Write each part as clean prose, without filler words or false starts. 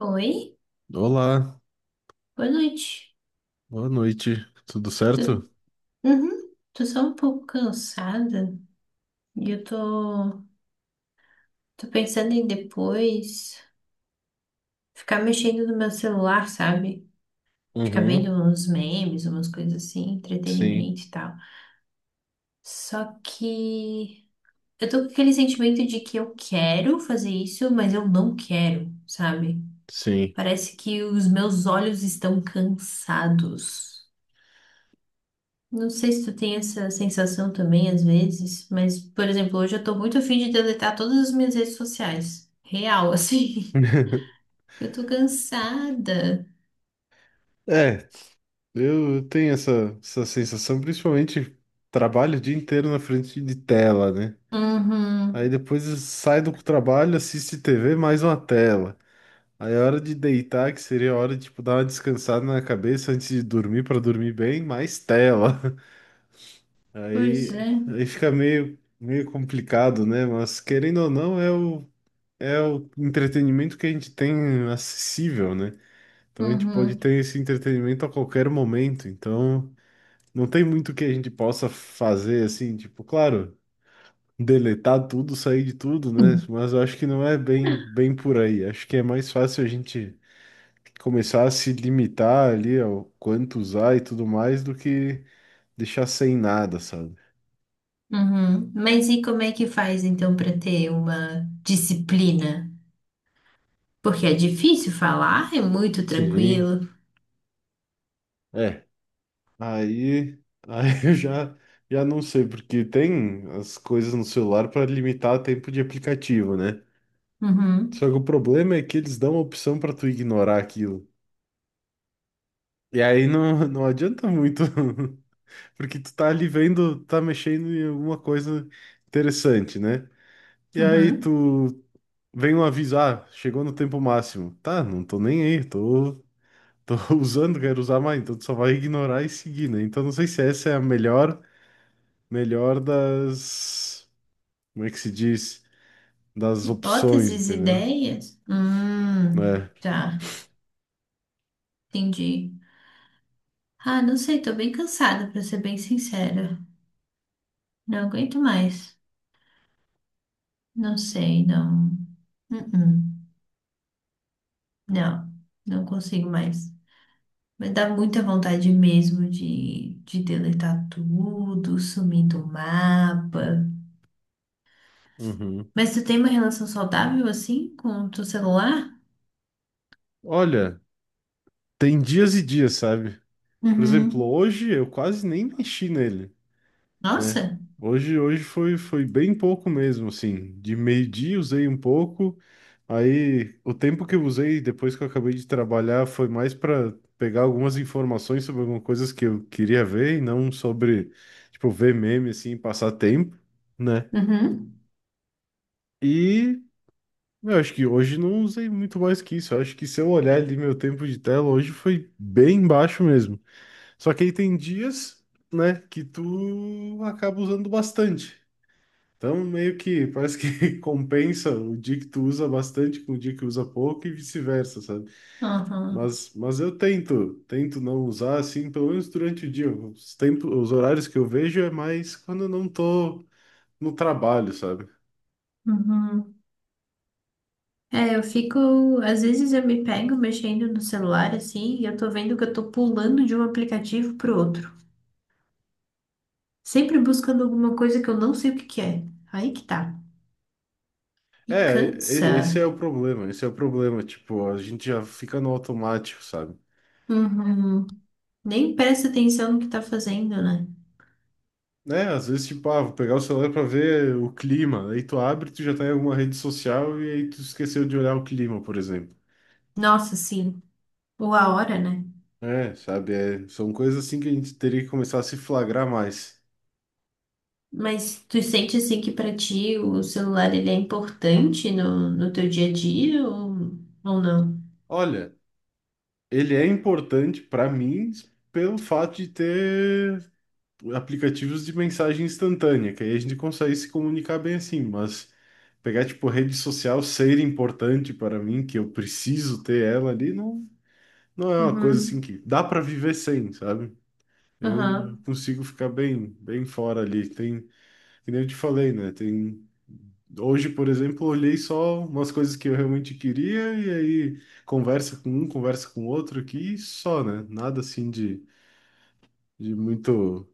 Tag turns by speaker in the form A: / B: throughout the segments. A: Oi,
B: Olá,
A: boa noite.
B: boa noite, tudo
A: Tu,
B: certo?
A: uhum, tô só um pouco cansada e eu tô pensando em depois ficar mexendo no meu celular, sabe? Ficar vendo
B: Uhum,
A: uns memes, umas coisas assim,
B: sim,
A: entretenimento e tal. Só que eu tô com aquele sentimento de que eu quero fazer isso, mas eu não quero, sabe?
B: sim.
A: Parece que os meus olhos estão cansados. Não sei se tu tem essa sensação também às vezes, mas, por exemplo, hoje eu tô muito afim de deletar todas as minhas redes sociais. Real, assim. Eu tô cansada.
B: É, eu tenho essa sensação, principalmente trabalho o dia inteiro na frente de tela, né? Aí
A: Uhum.
B: depois sai do trabalho, assiste TV, mais uma tela. Aí é hora de deitar, que seria a hora de tipo, dar uma descansada na cabeça antes de dormir, para dormir bem, mais tela.
A: Pois
B: Aí,
A: é.
B: aí fica meio complicado, né? Mas querendo ou não, é o entretenimento que a gente tem acessível, né? Então a gente pode
A: Uhum.
B: ter esse entretenimento a qualquer momento. Então não tem muito que a gente possa fazer assim, tipo, claro, deletar tudo, sair de tudo, né? Mas eu acho que não é bem, bem por aí. Acho que é mais fácil a gente começar a se limitar ali ao quanto usar e tudo mais do que deixar sem nada, sabe?
A: Uhum. Mas e como é que faz então para ter uma disciplina? Porque é difícil falar, é muito
B: Sim.
A: tranquilo.
B: É. Aí, aí eu já não sei, porque tem as coisas no celular para limitar o tempo de aplicativo, né?
A: Uhum.
B: Só que o problema é que eles dão a opção para tu ignorar aquilo. E aí não adianta muito, porque tu tá ali vendo, tá mexendo em alguma coisa interessante, né? E aí
A: Uhum.
B: tu vem um aviso, ah, chegou no tempo máximo. Tá, não tô nem aí, tô usando, quero usar mais, então tu só vai ignorar e seguir, né? Então não sei se essa é a melhor das, como é que se diz, das opções,
A: Hipóteses,
B: entendeu?
A: ideias?
B: É.
A: Tá, entendi. Ah, não sei, tô bem cansada, pra ser bem sincera. Não aguento mais. Não sei, não. Uh-uh. Não, não consigo mais. Mas dá muita vontade mesmo de deletar tudo, sumir do mapa.
B: Uhum.
A: Mas tu tem uma relação saudável assim com o teu celular?
B: Olha, tem dias e dias, sabe? Por exemplo,
A: Uhum,
B: hoje eu quase nem mexi nele, né?
A: nossa!
B: Hoje foi bem pouco mesmo, assim. De meio-dia usei um pouco, aí o tempo que eu usei depois que eu acabei de trabalhar foi mais para pegar algumas informações sobre algumas coisas que eu queria ver e não sobre, tipo, ver meme, assim, e passar tempo, né?
A: Uhum.
B: E meu, acho que hoje não usei muito mais que isso. Eu acho que se eu olhar ali meu tempo de tela, hoje foi bem baixo mesmo. Só que aí tem dias, né, que tu acaba usando bastante. Então, meio que parece que compensa o dia que tu usa bastante com o dia que usa pouco e vice-versa, sabe?
A: Aham,
B: Mas eu tento não usar assim, pelo menos durante o dia. Os tempos, os horários que eu vejo é mais quando eu não tô no trabalho, sabe?
A: uhum. É, eu fico. Às vezes eu me pego mexendo no celular assim e eu tô vendo que eu tô pulando de um aplicativo pro outro. Sempre buscando alguma coisa que eu não sei o que que é. Aí que tá. E
B: É,
A: cansa.
B: esse é o problema, tipo, a gente já fica no automático, sabe?
A: Uhum. Nem presta atenção no que tá fazendo, né?
B: Né, às vezes, tipo, ah, vou pegar o celular pra ver o clima, aí tu abre, tu já tá em alguma rede social e aí tu esqueceu de olhar o clima, por exemplo.
A: Nossa, sim. Ou a hora, né?
B: É, sabe, é, são coisas assim que a gente teria que começar a se flagrar mais.
A: Mas tu sente assim que pra ti o celular ele é importante no teu dia a dia ou não?
B: Olha, ele é importante pra mim pelo fato de ter aplicativos de mensagem instantânea, que aí a gente consegue se comunicar bem assim, mas pegar, tipo, rede social ser importante para mim, que eu preciso ter ela ali, não é uma coisa assim
A: Uhum.
B: que dá para viver sem, sabe? Eu
A: Aham.
B: consigo ficar bem, bem fora ali. Tem, que nem eu te falei, né? Tem Hoje, por exemplo, eu olhei só umas coisas que eu realmente queria e aí conversa com um, conversa com outro aqui e só, né? Nada assim de muito,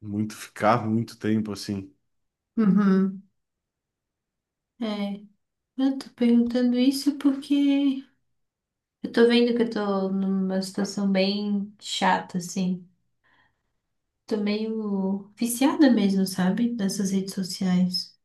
B: muito ficar muito tempo assim.
A: Uhum. É. Eu tô perguntando isso porque eu tô vendo que eu tô numa situação bem chata, assim. Tô meio viciada mesmo, sabe? Nessas redes sociais.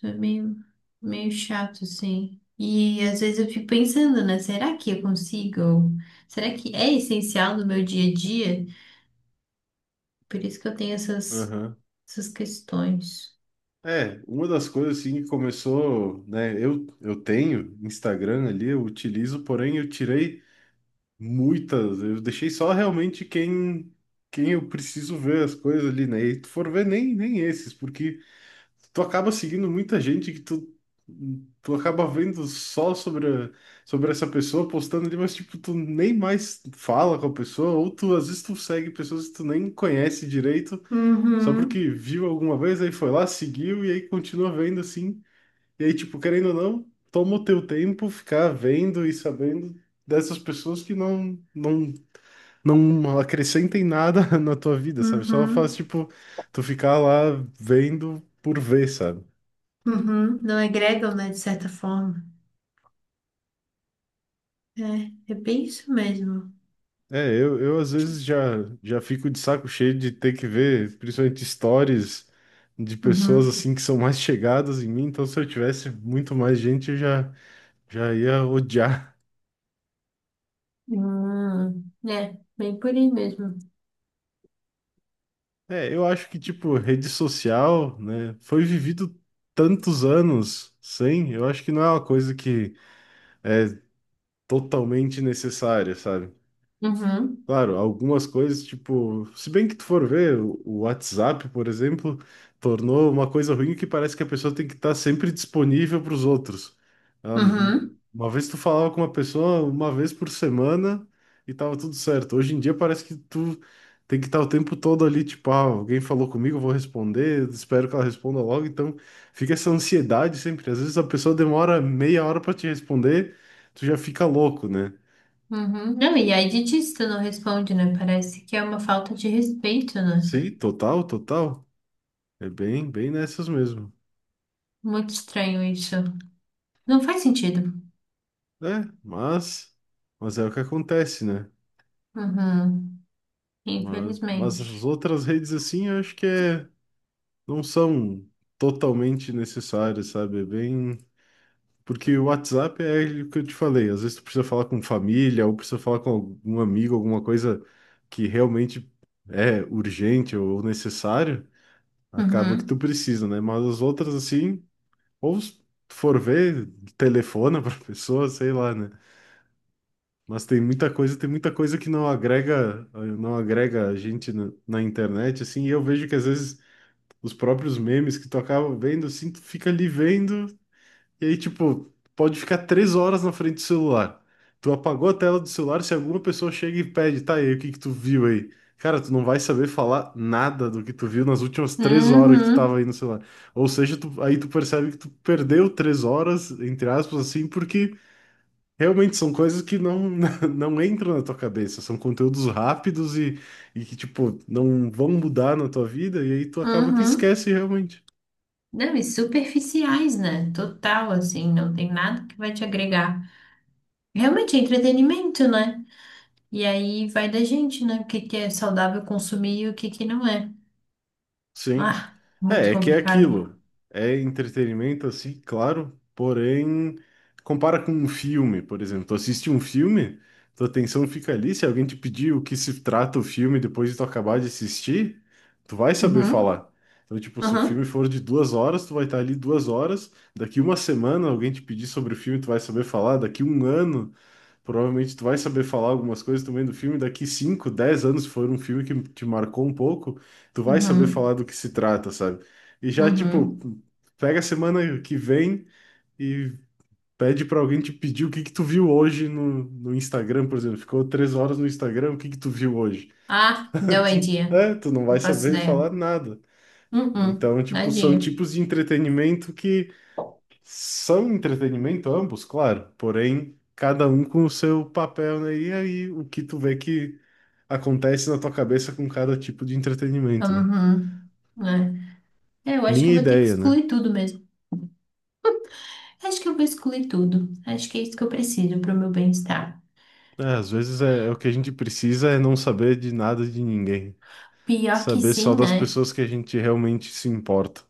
A: Tô meio, meio chato, assim. E às vezes eu fico pensando, né? Será que eu consigo? Será que é essencial no meu dia a dia? Por isso que eu tenho essas,
B: Aham.
A: essas questões.
B: É, uma das coisas assim que começou, né? Eu tenho Instagram ali, eu utilizo, porém eu tirei muitas, eu deixei só realmente quem eu preciso ver as coisas ali, né? E tu for ver nem esses, porque tu acaba seguindo muita gente que tu acaba vendo só sobre sobre essa pessoa postando ali, mas tipo, tu nem mais fala com a pessoa, ou tu às vezes tu segue pessoas que tu nem conhece direito. Só
A: Uhum,
B: porque viu alguma vez, aí foi lá, seguiu e aí continua vendo assim. E aí, tipo, querendo ou não, toma o teu tempo ficar vendo e sabendo dessas pessoas que não acrescentem nada na tua vida, sabe? Só faz
A: uhum,
B: tipo tu ficar lá vendo por ver, sabe?
A: uhum. Não agregam, né? De certa forma. É bem isso mesmo.
B: É, eu às vezes já fico de saco cheio de ter que ver, principalmente stories de pessoas
A: Uhum.
B: assim que são mais chegadas em mim, então se eu tivesse muito mais gente, eu já ia odiar.
A: Hum, é, bem por aí mesmo.
B: É, eu acho que, tipo, rede social, né, foi vivido tantos anos sem, eu acho que não é uma coisa que totalmente necessária, sabe?
A: Uhum,
B: Claro, algumas coisas, tipo, se bem que tu for ver, o WhatsApp, por exemplo, tornou uma coisa ruim que parece que a pessoa tem que estar sempre disponível para os outros. Ela não-
A: uhum.
B: Uma vez tu falava com uma pessoa uma vez por semana e tava tudo certo. Hoje em dia parece que tu tem que estar o tempo todo ali, tipo, ah, alguém falou comigo, eu vou responder, espero que ela responda logo. Então fica essa ansiedade sempre. Às vezes a pessoa demora meia hora para te responder, tu já fica louco, né?
A: Uhum. Não, e aí dietista não responde, né? Parece que é uma falta de respeito, né?
B: Sim, total, total. É bem, bem nessas mesmo.
A: Muito estranho isso. Não faz sentido.
B: É, mas é o que acontece, né?
A: Uhum.
B: Mas as
A: Infelizmente.
B: outras redes assim, eu acho que é, não são totalmente necessárias, sabe? É bem. Porque o WhatsApp é o que eu te falei, às vezes tu precisa falar com família, ou precisa falar com algum amigo, alguma coisa que realmente é urgente ou necessário, acaba que tu
A: Uhum.
B: precisa, né? Mas as outras assim, ou se tu for ver, telefona pra pessoa, sei lá, né? Mas tem muita coisa que não agrega, não agrega a gente na internet, assim, e eu vejo que às vezes os próprios memes que tu acaba vendo, assim, tu fica ali vendo, e aí, tipo, pode ficar três horas na frente do celular. Tu apagou a tela do celular, se alguma pessoa chega e pede, tá, aí, o que que tu viu aí? Cara, tu não vai saber falar nada do que tu viu nas últimas três horas que tu tava
A: Uhum.
B: aí no celular. Ou seja, aí tu percebe que tu perdeu três horas, entre aspas, assim, porque realmente são coisas que não, não entram na tua cabeça, são conteúdos rápidos e que, tipo, não vão mudar na tua vida, e aí tu acaba que
A: Uhum.
B: esquece realmente.
A: Não, e superficiais, né? Total, assim, não tem nada que vai te agregar. Realmente é entretenimento, né? E aí vai da gente, né? O que que é saudável consumir e o que que não é.
B: Sim.
A: Ah, muito
B: É que é
A: complicado.
B: aquilo. É entretenimento, assim, claro, porém, compara com um filme, por exemplo. Tu assiste um filme, tua atenção fica ali. Se alguém te pedir o que se trata o filme depois de tu acabar de assistir, tu vai saber
A: Uhum.
B: falar. Então, tipo, se o filme
A: Uhum.
B: for de duas horas, tu vai estar ali duas horas. Daqui uma semana, alguém te pedir sobre o filme, tu vai saber falar. Daqui um ano, provavelmente tu vai saber falar algumas coisas também do filme. Daqui cinco, 10 anos, se for um filme que te marcou um pouco, tu vai saber falar
A: Uhum.
B: do que se trata, sabe? E já, tipo,
A: Uhum.
B: pega a semana que vem e pede pra alguém te pedir o que que tu viu hoje no Instagram, por exemplo. Ficou três horas no Instagram, o que que tu viu hoje?
A: Ah, no
B: Tu,
A: idea.
B: é, tu não vai
A: Não faço
B: saber
A: ideia.
B: falar nada.
A: Uhum,
B: Então, tipo, são
A: nadinha.
B: tipos de entretenimento que são entretenimento ambos, claro, porém cada um com o seu papel, né? E aí o que tu vê que acontece na tua cabeça com cada tipo de entretenimento, né?
A: Uhum, né? É, eu acho que
B: Minha
A: eu vou ter que
B: ideia, né?
A: excluir tudo mesmo. Acho que eu vou excluir tudo. Acho que é isso que eu preciso pro meu bem-estar.
B: É, às vezes é o que a gente precisa é não saber de nada de ninguém,
A: Pior que
B: saber só
A: sim,
B: das
A: né?
B: pessoas que a gente realmente se importa,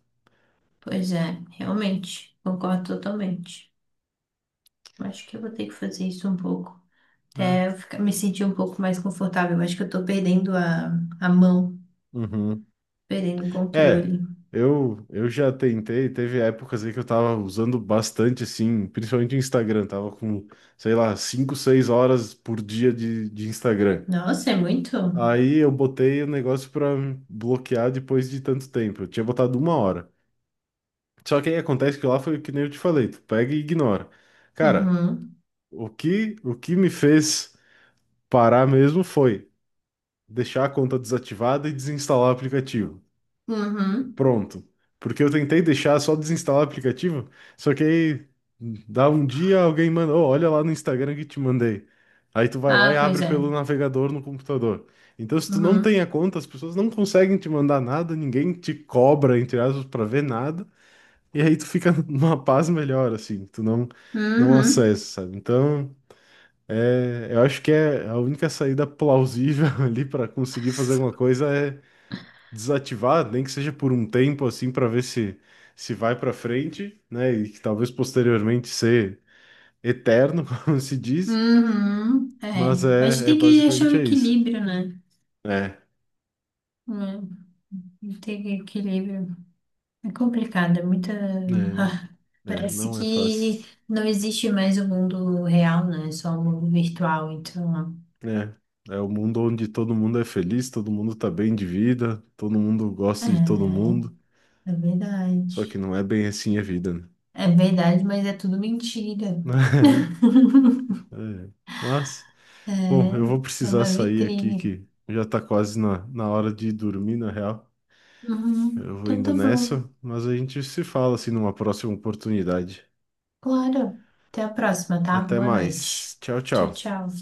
A: Pois é, realmente. Concordo totalmente. Acho que eu vou ter que fazer isso um pouco.
B: né?
A: Até eu ficar, me sentir um pouco mais confortável. Acho que eu tô perdendo a mão,
B: Uhum.
A: perdendo o
B: É,
A: controle.
B: eu já tentei, teve épocas aí que eu tava usando bastante, assim, principalmente o Instagram, tava com, sei lá, 5, 6 horas por dia de Instagram.
A: Nossa, é muito?
B: Aí eu botei o negócio pra bloquear depois de tanto tempo, eu tinha botado uma hora. Só que aí acontece que lá foi o que nem eu te falei, tu pega e ignora. Cara,
A: Uhum,
B: o que me fez parar mesmo foi deixar a conta desativada e desinstalar o aplicativo.
A: uhum.
B: Pronto. Porque eu tentei deixar só desinstalar o aplicativo, só que aí dá um dia alguém manda, "Ô, olha lá no Instagram que te mandei." Aí tu vai lá e
A: Ah, pois
B: abre
A: é.
B: pelo navegador no computador. Então, se tu não tem
A: Uhum,
B: a conta, as pessoas não conseguem te mandar nada, ninguém te cobra, entre aspas, pra ver nada, e aí tu fica numa paz melhor, assim, tu não
A: uhum.
B: acessa, sabe? Então, é, eu acho que é a única saída plausível ali pra conseguir fazer alguma coisa é desativar, nem que seja por um tempo assim, para ver se vai para frente, né? E que talvez posteriormente ser eterno, como se diz,
A: Uhum, é.
B: mas
A: Mas
B: é
A: tem que achar o
B: basicamente é isso.
A: equilíbrio, né?
B: É,
A: É, tem que equilíbrio. É complicado, é muita.
B: é,
A: Ah,
B: é,
A: parece
B: não é fácil.
A: que não existe mais o mundo real, né? É só o mundo virtual. Então,
B: É, é o mundo onde todo mundo é feliz, todo mundo tá bem de vida, todo mundo gosta de todo
A: é,
B: mundo,
A: é
B: só que
A: verdade.
B: não é bem assim a vida, né?
A: É verdade, mas é tudo mentira.
B: É, é. Mas, bom, eu vou
A: É, é
B: precisar
A: uma
B: sair aqui
A: vitrine.
B: que já tá quase na hora de dormir, na real.
A: Uhum.
B: Eu vou
A: Então
B: indo
A: tá bom.
B: nessa, mas a gente se fala assim numa próxima oportunidade.
A: Claro. Até a próxima, tá?
B: Até
A: Boa noite.
B: mais. Tchau,
A: Tchau,
B: tchau.
A: tchau.